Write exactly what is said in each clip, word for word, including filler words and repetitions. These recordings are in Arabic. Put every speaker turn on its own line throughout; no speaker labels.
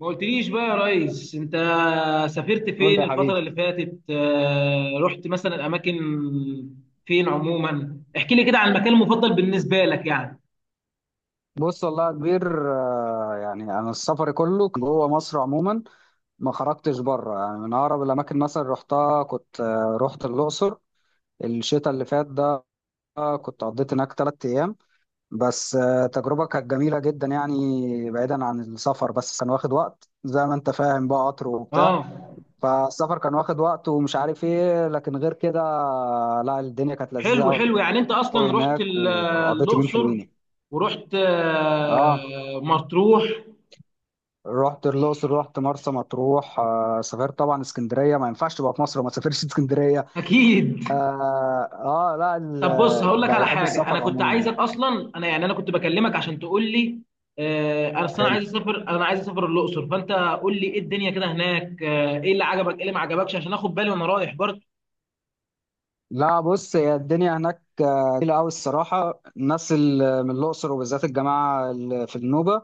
ما قلتليش بقى يا ريس، انت سافرت
قول
فين
لي يا
الفترة اللي
حبيبي.
فاتت؟ آه، رحت مثلا الاماكن فين عموما؟ احكي لي كده عن المكان المفضل بالنسبة لك يعني.
بص والله يا كبير، آه، يعني انا السفر كله كان جوه مصر عموما، ما خرجتش بره. يعني من اقرب الاماكن مثلا رحتها كنت، آه، رحت الاقصر الشتاء اللي فات ده. آه، كنت قضيت هناك ثلاث ايام بس. آه، تجربه كانت جميله جدا، يعني بعيدا عن السفر بس كان واخد وقت زي ما انت فاهم بقى، قطر
اه.
وبتاع. فالسفر كان واخد وقت ومش عارف ايه، لكن غير كده آه، لا الدنيا كانت
حلو
لذيذه
حلو، يعني انت
قوي
اصلا رحت
هناك،
ال-
وقضيت يومين
الاقصر
حلوين يعني.
ورحت
اه،
آه، مطروح،
رحت الاقصر، رحت مرسى مطروح، آه سافرت طبعا اسكندريه. ما ينفعش تبقى في مصر وما تسافرش اسكندريه.
اكيد.
اه, آه لا
طب بص،
ال-
هقول لك
ب-
على
بحب
حاجه، انا
السفر
كنت
عموما.
عايزك اصلا، انا يعني انا كنت بكلمك عشان تقول لي، آه، انا أصل انا
حلو،
عايز اسافر انا عايز اسافر الاقصر، فانت قول لي ايه الدنيا كده هناك، آه، ايه اللي عجبك ايه اللي ما عجبكش عشان اخد بالي وانا رايح برضه.
لا بص، هي الدنيا هناك آه، جميله قوي الصراحه. الناس اللي من الاقصر وبالذات الجماعه اللي في النوبه،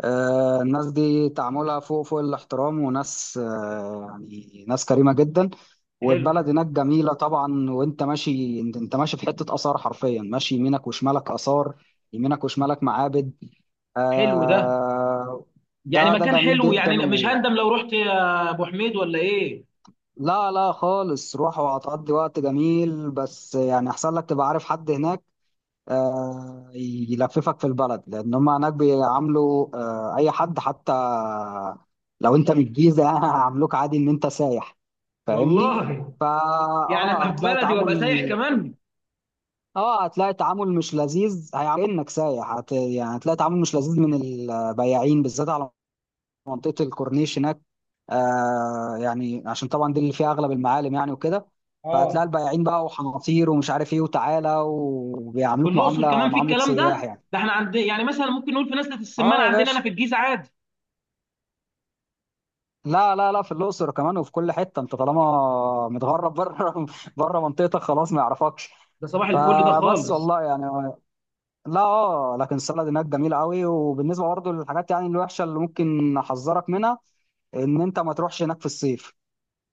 آه، الناس دي تعاملها فوق فوق الاحترام، وناس آه، يعني ناس كريمة جدا.
حلو
والبلد هناك جميلة طبعا. وانت ماشي، انت انت ماشي في حتة آثار، حرفيا ماشي يمينك وشمالك آثار، يمينك وشمالك معابد.
حلو ده،
آه،
يعني
ده ده
مكان
جميل
حلو
جدا.
يعني، مش
و
هندم لو رحت يا ابو حميد ولا ايه؟
لا لا خالص، روح وهتقضي وقت جميل. بس يعني احسن لك تبقى عارف حد هناك آه، يلففك في البلد، لان هم هناك بيعاملوا آه، اي حد. حتى لو انت من الجيزه يعني هيعاملوك عادي ان انت سايح، فاهمني؟
والله
فا
يعني
اه،
ابقى في
هتلاقي
بلدي
تعامل
وابقى سايح كمان.
اه هتلاقي تعامل مش لذيذ، هيعاملك انك سايح. هت... يعني هتلاقي تعامل مش لذيذ من البياعين، بالذات على منطقه الكورنيش هناك. آه يعني عشان طبعا دي اللي فيها اغلب المعالم يعني وكده. فهتلاقي
اه.
البياعين بقى، وحناطير ومش عارف ايه، وتعالى
في
وبيعاملوك
الاقصر
معامله
كمان في
معامله
الكلام
سياح
ده؟
يعني.
ده احنا عندنا يعني مثلا ممكن نقول في نزله السمان
اه يا
عندنا انا
باشا،
في الجيزه عادي،
لا لا لا، في الاقصر كمان وفي كل حته انت طالما متغرب بره، بره منطقتك خلاص ما يعرفكش.
ده صباح الفل ده
فبس
خالص.
والله يعني، لا اه، لكن السلطه هناك جميله قوي. وبالنسبه برضه للحاجات يعني الوحشه اللي ممكن احذرك منها، ان انت ما تروحش هناك في الصيف.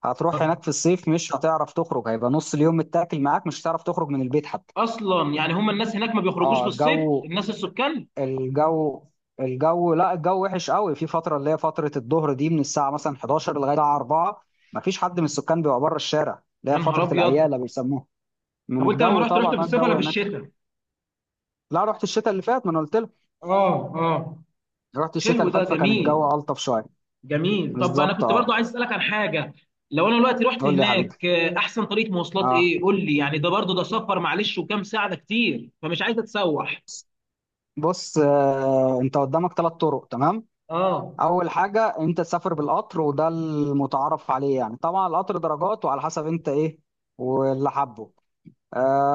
هتروح هناك في الصيف، مش هتعرف تخرج، هيبقى نص اليوم متاكل معاك، مش هتعرف تخرج من البيت حتى.
اصلا يعني هم الناس هناك ما بيخرجوش في
اه
الصيف،
الجو،
الناس السكان؟
الجو الجو لا الجو وحش قوي، في فتره اللي هي فتره الظهر دي، من الساعه مثلا احداشر لغايه الساعه اربعة ما فيش حد من السكان بيبقى بره الشارع، اللي
يا
هي
نهار
فتره
ابيض.
الاياله بيسموها،
طب
من
وانت لما
الجو
رحت رحت
طبعا.
في
آه،
الصيف ولا
الجو
في
هناك،
الشتاء؟
لا رحت الشتاء اللي فات، ما انا قلت لك،
اه اه.
رحت الشتاء
حلو
اللي
ده،
فات، فكان
جميل
الجو الطف شويه.
جميل. طب انا
بالظبط
كنت برضو
اه.
عايز اسالك عن حاجه، لو انا دلوقتي رحت
قول لي يا حبيبي.
هناك، آه، احسن طريقه مواصلات
اه
ايه؟ قول لي يعني ده برضو ده سفر، معلش، وكام ساعه، ده كتير فمش عايز اتسوح.
بص، آه انت قدامك ثلاث طرق تمام.
اه
اول حاجه انت تسافر بالقطر، وده المتعارف عليه يعني. طبعا القطر درجات، وعلى حسب انت ايه واللي حبه.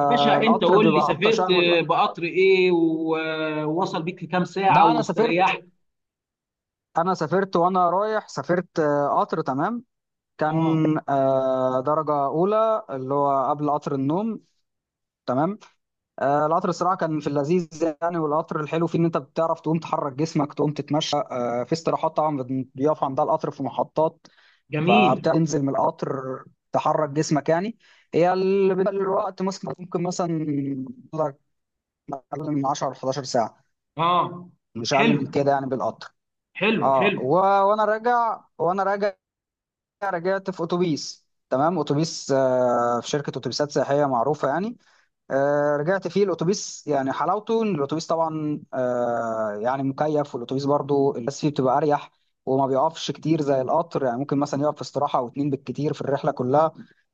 يا باشا، انت
القطر
قول لي،
بيبقى ابطأ
سافرت
شهر.
آه، بقطر ايه و- آه، ووصل بيك في كام ساعه
ده انا سافرت
واستريحت؟
انا سافرت وانا رايح، سافرت آه قطر تمام. كان
اه.
آه درجة أولى، اللي هو قبل قطر النوم تمام. آه القطر الصراحة كان في اللذيذ يعني. والقطر الحلو فيه إن أنت بتعرف تقوم تحرك جسمك، تقوم تتمشى، آه في استراحات طبعا بن- بيقف عندها القطر في محطات.
جميل.
فبتنزل من القطر تحرك جسمك يعني. هي ال- بالنسبة للوقت مثلا ممكن مثلا أقل من عشرة ل احداشر ساعة،
اه.
مش أقل من
حلو
كده يعني بالقطر.
حلو
اه
حلو.
و... وانا راجع وانا راجع رجعت في اتوبيس تمام، اتوبيس آه في شركه اتوبيسات سياحيه معروفه يعني. آه رجعت فيه الاتوبيس. يعني حلاوته ان الاتوبيس طبعا آه يعني مكيف. والاتوبيس برضو الناس فيه بتبقى اريح، وما بيقفش كتير زي القطر. يعني ممكن مثلا يقف في استراحه او اتنين بالكتير في الرحله كلها.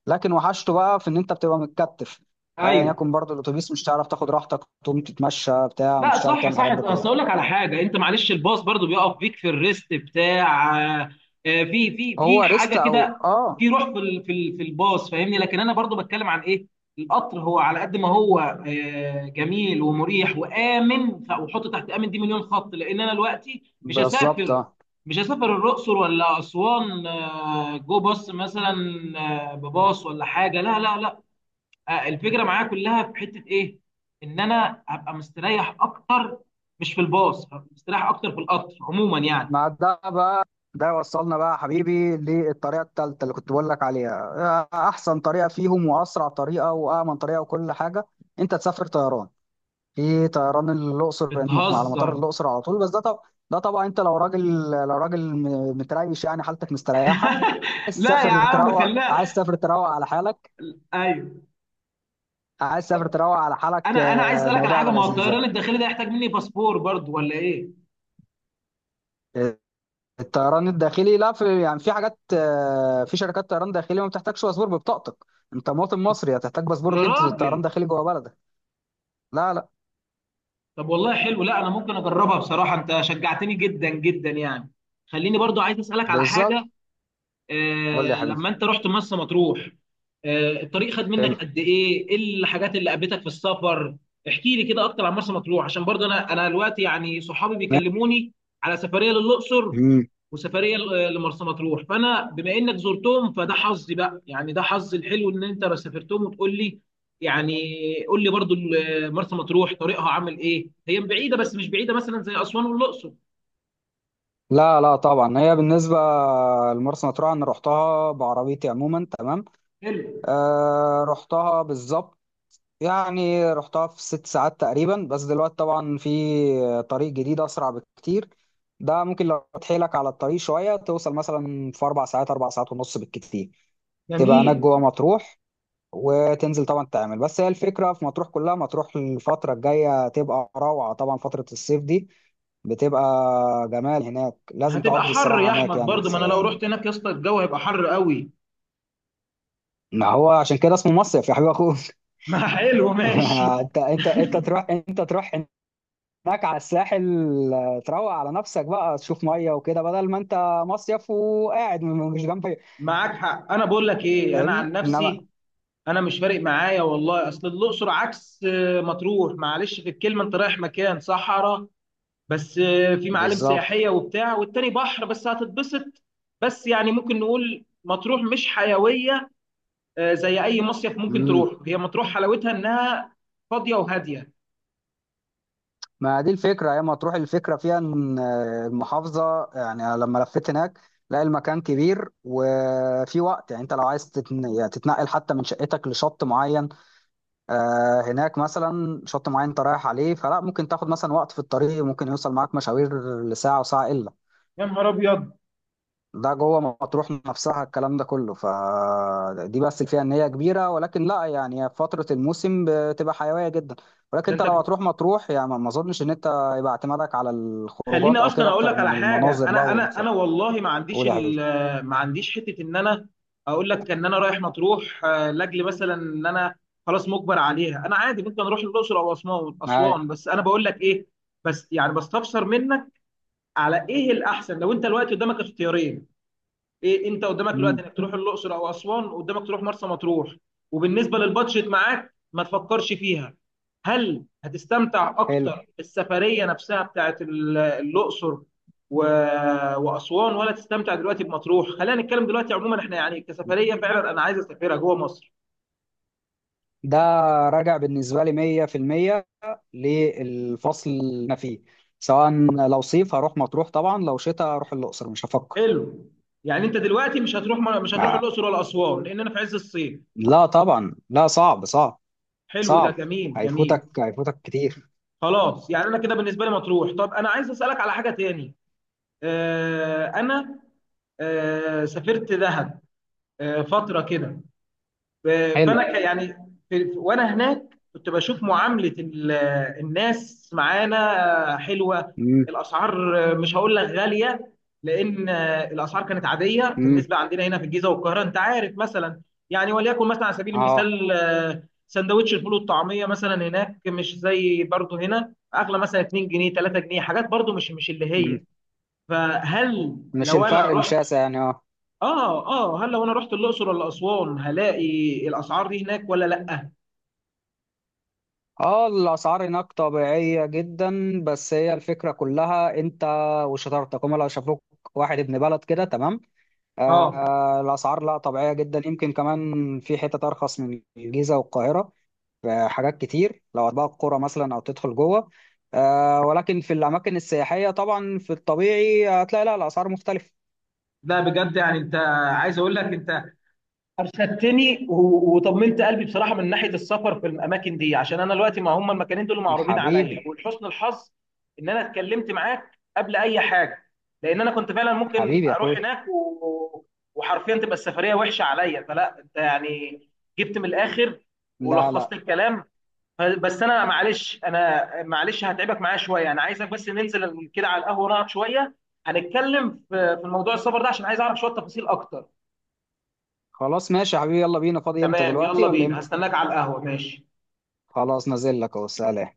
لكن وحشته بقى في ان انت بتبقى متكتف، ايا
ايوه.
يكن برضو الاتوبيس. مش هتعرف تاخد راحتك تقوم تتمشى بتاع،
لا
مش هتعرف
صح
تعمل
صح،
الحاجات دي
اصل
كلها.
اقول لك على حاجه، انت معلش الباص برضو بيقف بيك في الريست بتاع، آه، آه، في في في
هو
حاجه
ريست او
كده،
اه،
في روح في ال- في ال- في الباص فاهمني، لكن انا برضو بتكلم عن ايه؟ القطر هو على قد ما هو آه، جميل ومريح وامن ف- وحط تحت امن دي مليون خط، لان انا دلوقتي مش
بالظبط
هسافر
آه.
مش هسافر الاقصر ولا اسوان، آه، جو باص مثلا، آه، بباص ولا حاجه، لا لا، آه، الفكره معايا كلها في حته ايه؟ ان انا هبقى مستريح اكتر، مش في الباص هبقى مستريح اكتر في القطر عموما يعني.
مع ده بقى، ده يوصلنا بقى يا حبيبي للطريقة التالتة اللي كنت بقول لك عليها. آه، أحسن طريقة فيهم، وأسرع طريقة، وأأمن طريقة، وكل حاجة، أنت تسافر طيران. في طيران الأقصر على مطار
بتهزر.
الأقصر على طول. بس ده طب ده طبعا أنت لو راجل، لو راجل م- متريش يعني، حالتك مستريحة، عايز
لا يا
تسافر
عم
تروق، عايز
خلاها.
تسافر تروق على حالك
ايوه.
عايز تسافر تروق على حالك،
انا انا عايز
آه،
اسالك على
الموضوع
حاجه،
يبقى
ما هو
لذيذ.
الطيران الداخلي ده يحتاج مني باسبور برضو ولا ايه؟
يعني الطيران الداخلي، لا في يعني في حاجات، آه، في شركات طيران داخلي ما بتحتاجش باسبور، ببطاقتك. انت مواطن مصري، هتحتاج باسبور
يا
ليه في الطيران
راجل.
الداخلي جوه بلدك؟ لا لا،
طب والله حلو، لا انا ممكن اجربها بصراحه، انت شجعتني جدا جدا يعني. خليني برضو عايز اسالك على
بالظبط.
حاجه،
قول
آه،
لي يا حبيبي.
لما انت رحت مرسى مطروح، آه، الطريق خد
حلو.
منك قد ايه؟ ايه الحاجات اللي قابلتك في السفر؟ احكي لي كده اكتر عن مرسى مطروح، عشان برضه انا انا دلوقتي يعني صحابي
ماشي.
بيكلموني على سفريه للاقصر
مم.
وسفريه ل- لمرسى مطروح، فانا بما انك زرتهم فده حظي بقى، يعني ده حظي الحلو ان انت بس سافرتهم وتقول لي يعني. قول لي برضه ال- مرسى مطروح طريقها عامل ايه؟ هي بعيده بس مش بعيده مثلا زي اسوان والاقصر.
لا لا طبعا. هي بالنسبه لمرسى مطروح انا رحتها بعربيتي عموما تمام.
حلو.
آه رحتها بالظبط يعني، رحتها في ست ساعات تقريبا. بس دلوقتي طبعا في طريق جديد أسرع بكتير. ده ممكن لو تحيلك على الطريق شوية توصل مثلا في أربع ساعات، أربع ساعات ونص بالكتير، تبقى هناك
جميل.
جوه مطروح، وتنزل طبعا تعمل. بس هي الفكرة في مطروح كلها، مطروح الفترة الجاية تبقى روعة، طبعا فترة الصيف دي بتبقى جمال هناك، لازم
هتبقى
تقضي
حر يا
الصراحة هناك
احمد
يعني.
برضو، ما انا لو رحت هناك يا اسطى الجو هيبقى حر قوي.
ما هو عشان كده اسمه مصيف يا حبيب أخوك.
ما حلو ماشي.
انت انت انت تروح انت تروح هناك على الساحل، آه، تروق على نفسك بقى، تشوف ميه وكده، بدل ما انت مصيف وقاعد م- مش جنب،
معاك حق، انا بقول لك ايه، انا عن
فاهمني؟ انما
نفسي انا مش فارق معايا والله، اصل الاقصر عكس آه، مطروح، معلش في الكلمه، انت رايح مكان صحراء بس آه، في معالم
بالظبط.
سياحيه وبتاع، والتاني بحر بس هتتبسط. بس يعني ممكن نقول مطروح مش حيويه آه، زي اي مصيف ممكن
امم،
تروح، هي مطروح حلاوتها انها فاضيه وهاديه.
ما دي الفكره يا ما تروح. الفكره فيها ان آه، المحافظه يعني أنا لما لفيت هناك، لا المكان كبير، وفي وقت يعني انت لو عايز تتن... يعني تتنقل حتى من شقتك لشط معين، آه، هناك مثلا شط معين انت رايح عليه، فلا ممكن تاخد مثلا وقت في الطريق، ممكن يوصل معاك مشاوير لساعه وساعه الا،
يا نهار ابيض.
ده جوه مطروح نفسها الكلام ده كله. فدي بس الفئة ان هي كبيرة، ولكن لا يعني هي في فترة الموسم بتبقى حيوية جدا. ولكن
ده
انت
انت،
لو هتروح مطروح، يعني ما ما اظنش ان انت يبقى اعتمادك على
خليني
الخروجات او
اصلا
كده
اقول لك
اكتر
على
من
حاجه،
المناظر بقى
انا انا
والسب-
انا والله ما عنديش
قول يا حبيبي.
ال- ما عنديش حته ان انا اقول لك ان انا رايح مطروح آه، لاجل مثلا، ان انا خلاص مجبر عليها، انا عادي ممكن اروح الاقصر او اسوان
هاي.
اسوان بس، انا بقول لك ايه، بس يعني بستفسر منك على ايه الاحسن لو انت الوقت قدامك اختيارين، ايه انت قدامك دلوقتي
امم.
انك تروح الاقصر او اسوان، قدامك تروح مرسى مطروح، وبالنسبه للبادجت معاك ما تفكرش فيها، هل هتستمتع
حلو
اكتر بالسفريه نفسها بتاعت ال- الاقصر و... واسوان، ولا تستمتع دلوقتي بمطروح؟ خلينا نتكلم دلوقتي عموما، احنا يعني كسفريه فعلا انا عايز اسافرها جوه مصر.
ده، راجع بالنسبة لي مية في المية للفصل اللي انا فيه. سواء لو صيف هروح مطروح طبعا، لو شتاء هروح الأقصر، مش هفكر.
حلو. يعني انت دلوقتي مش هتروح، مش هتروح
آه،
الاقصر ولا اسوان لان انا في عز الصيف؟
لا طبعا، لا صعب صعب
حلو ده،
صعب،
جميل جميل.
هيفوتك، هيفوتك كتير.
خلاص، يعني انا كده بالنسبه لي مطروح. طب انا عايز اسالك على حاجه تاني، آه، انا آه، سافرت دهب آه، فتره كده، آه، فانا
حلو.
ك- يعني في- في- وانا هناك كنت بشوف معامله ال- الناس معانا آه، حلوه،
امم.
الاسعار آه، مش هقول لك غاليه، لان آه، الاسعار كانت عاديه
امم.
بالنسبه عندنا هنا في الجيزه والقاهره انت عارف مثلا، يعني وليكن مثلا على سبيل
اه.
المثال آه، سندوتش الفول والطعميه مثلا هناك مش زي برضه هنا، اغلى مثلا اتنين جنيه تلاته جنيه، حاجات برضه مش مش اللي
امم.
هي. فهل
مش
لو انا
الفرق
رحت
الشاسع يعني، اه
اه اه، هل لو انا رحت الاقصر ولا اسوان هلاقي الاسعار دي هناك ولا لا؟
اه. الاسعار هناك طبيعيه جدا، بس هي الفكره كلها انت وشطارتك، هم لو شافوك واحد ابن بلد كده تمام. آه
اه.
آه، الاسعار لا طبيعيه جدا، يمكن كمان في حتت ارخص من الجيزه والقاهره في حاجات كتير، لو هتبقى القرى مثلا او تدخل جوه. آه، ولكن في الاماكن السياحيه طبعا في الطبيعي هتلاقي لا الاسعار مختلفه.
لا بجد، يعني انت عايز اقول لك، انت ارشدتني و- وطمنت قلبي بصراحه من ناحيه السفر في الاماكن دي، عشان انا دلوقتي ما هم المكانين دول معروضين عليا،
حبيبي.
ولحسن الحظ ان انا اتكلمت معاك قبل اي حاجه، لان انا كنت فعلا ممكن
حبيبي يا
اروح
اخوي.
هناك و... وحرفيا تبقى السفريه وحشه عليا، فلا انت يعني جبت من الاخر
لا
ولخصت
لا.
الكلام. بس انا معلش انا معلش هتعبك معايا شويه، انا عايزك بس ننزل كده على القهوه نقعد شويه، هنتكلم في في الموضوع السفر ده عشان عايز اعرف شويه تفاصيل اكتر.
خلاص ماشي يا حبيبي، يلا بينا. فاضي امتى؟
تمام
دلوقتي
يلا
ولا
بينا،
امتى؟
هستناك على القهوه، ماشي.
خلاص نازل لك اهو، سلام.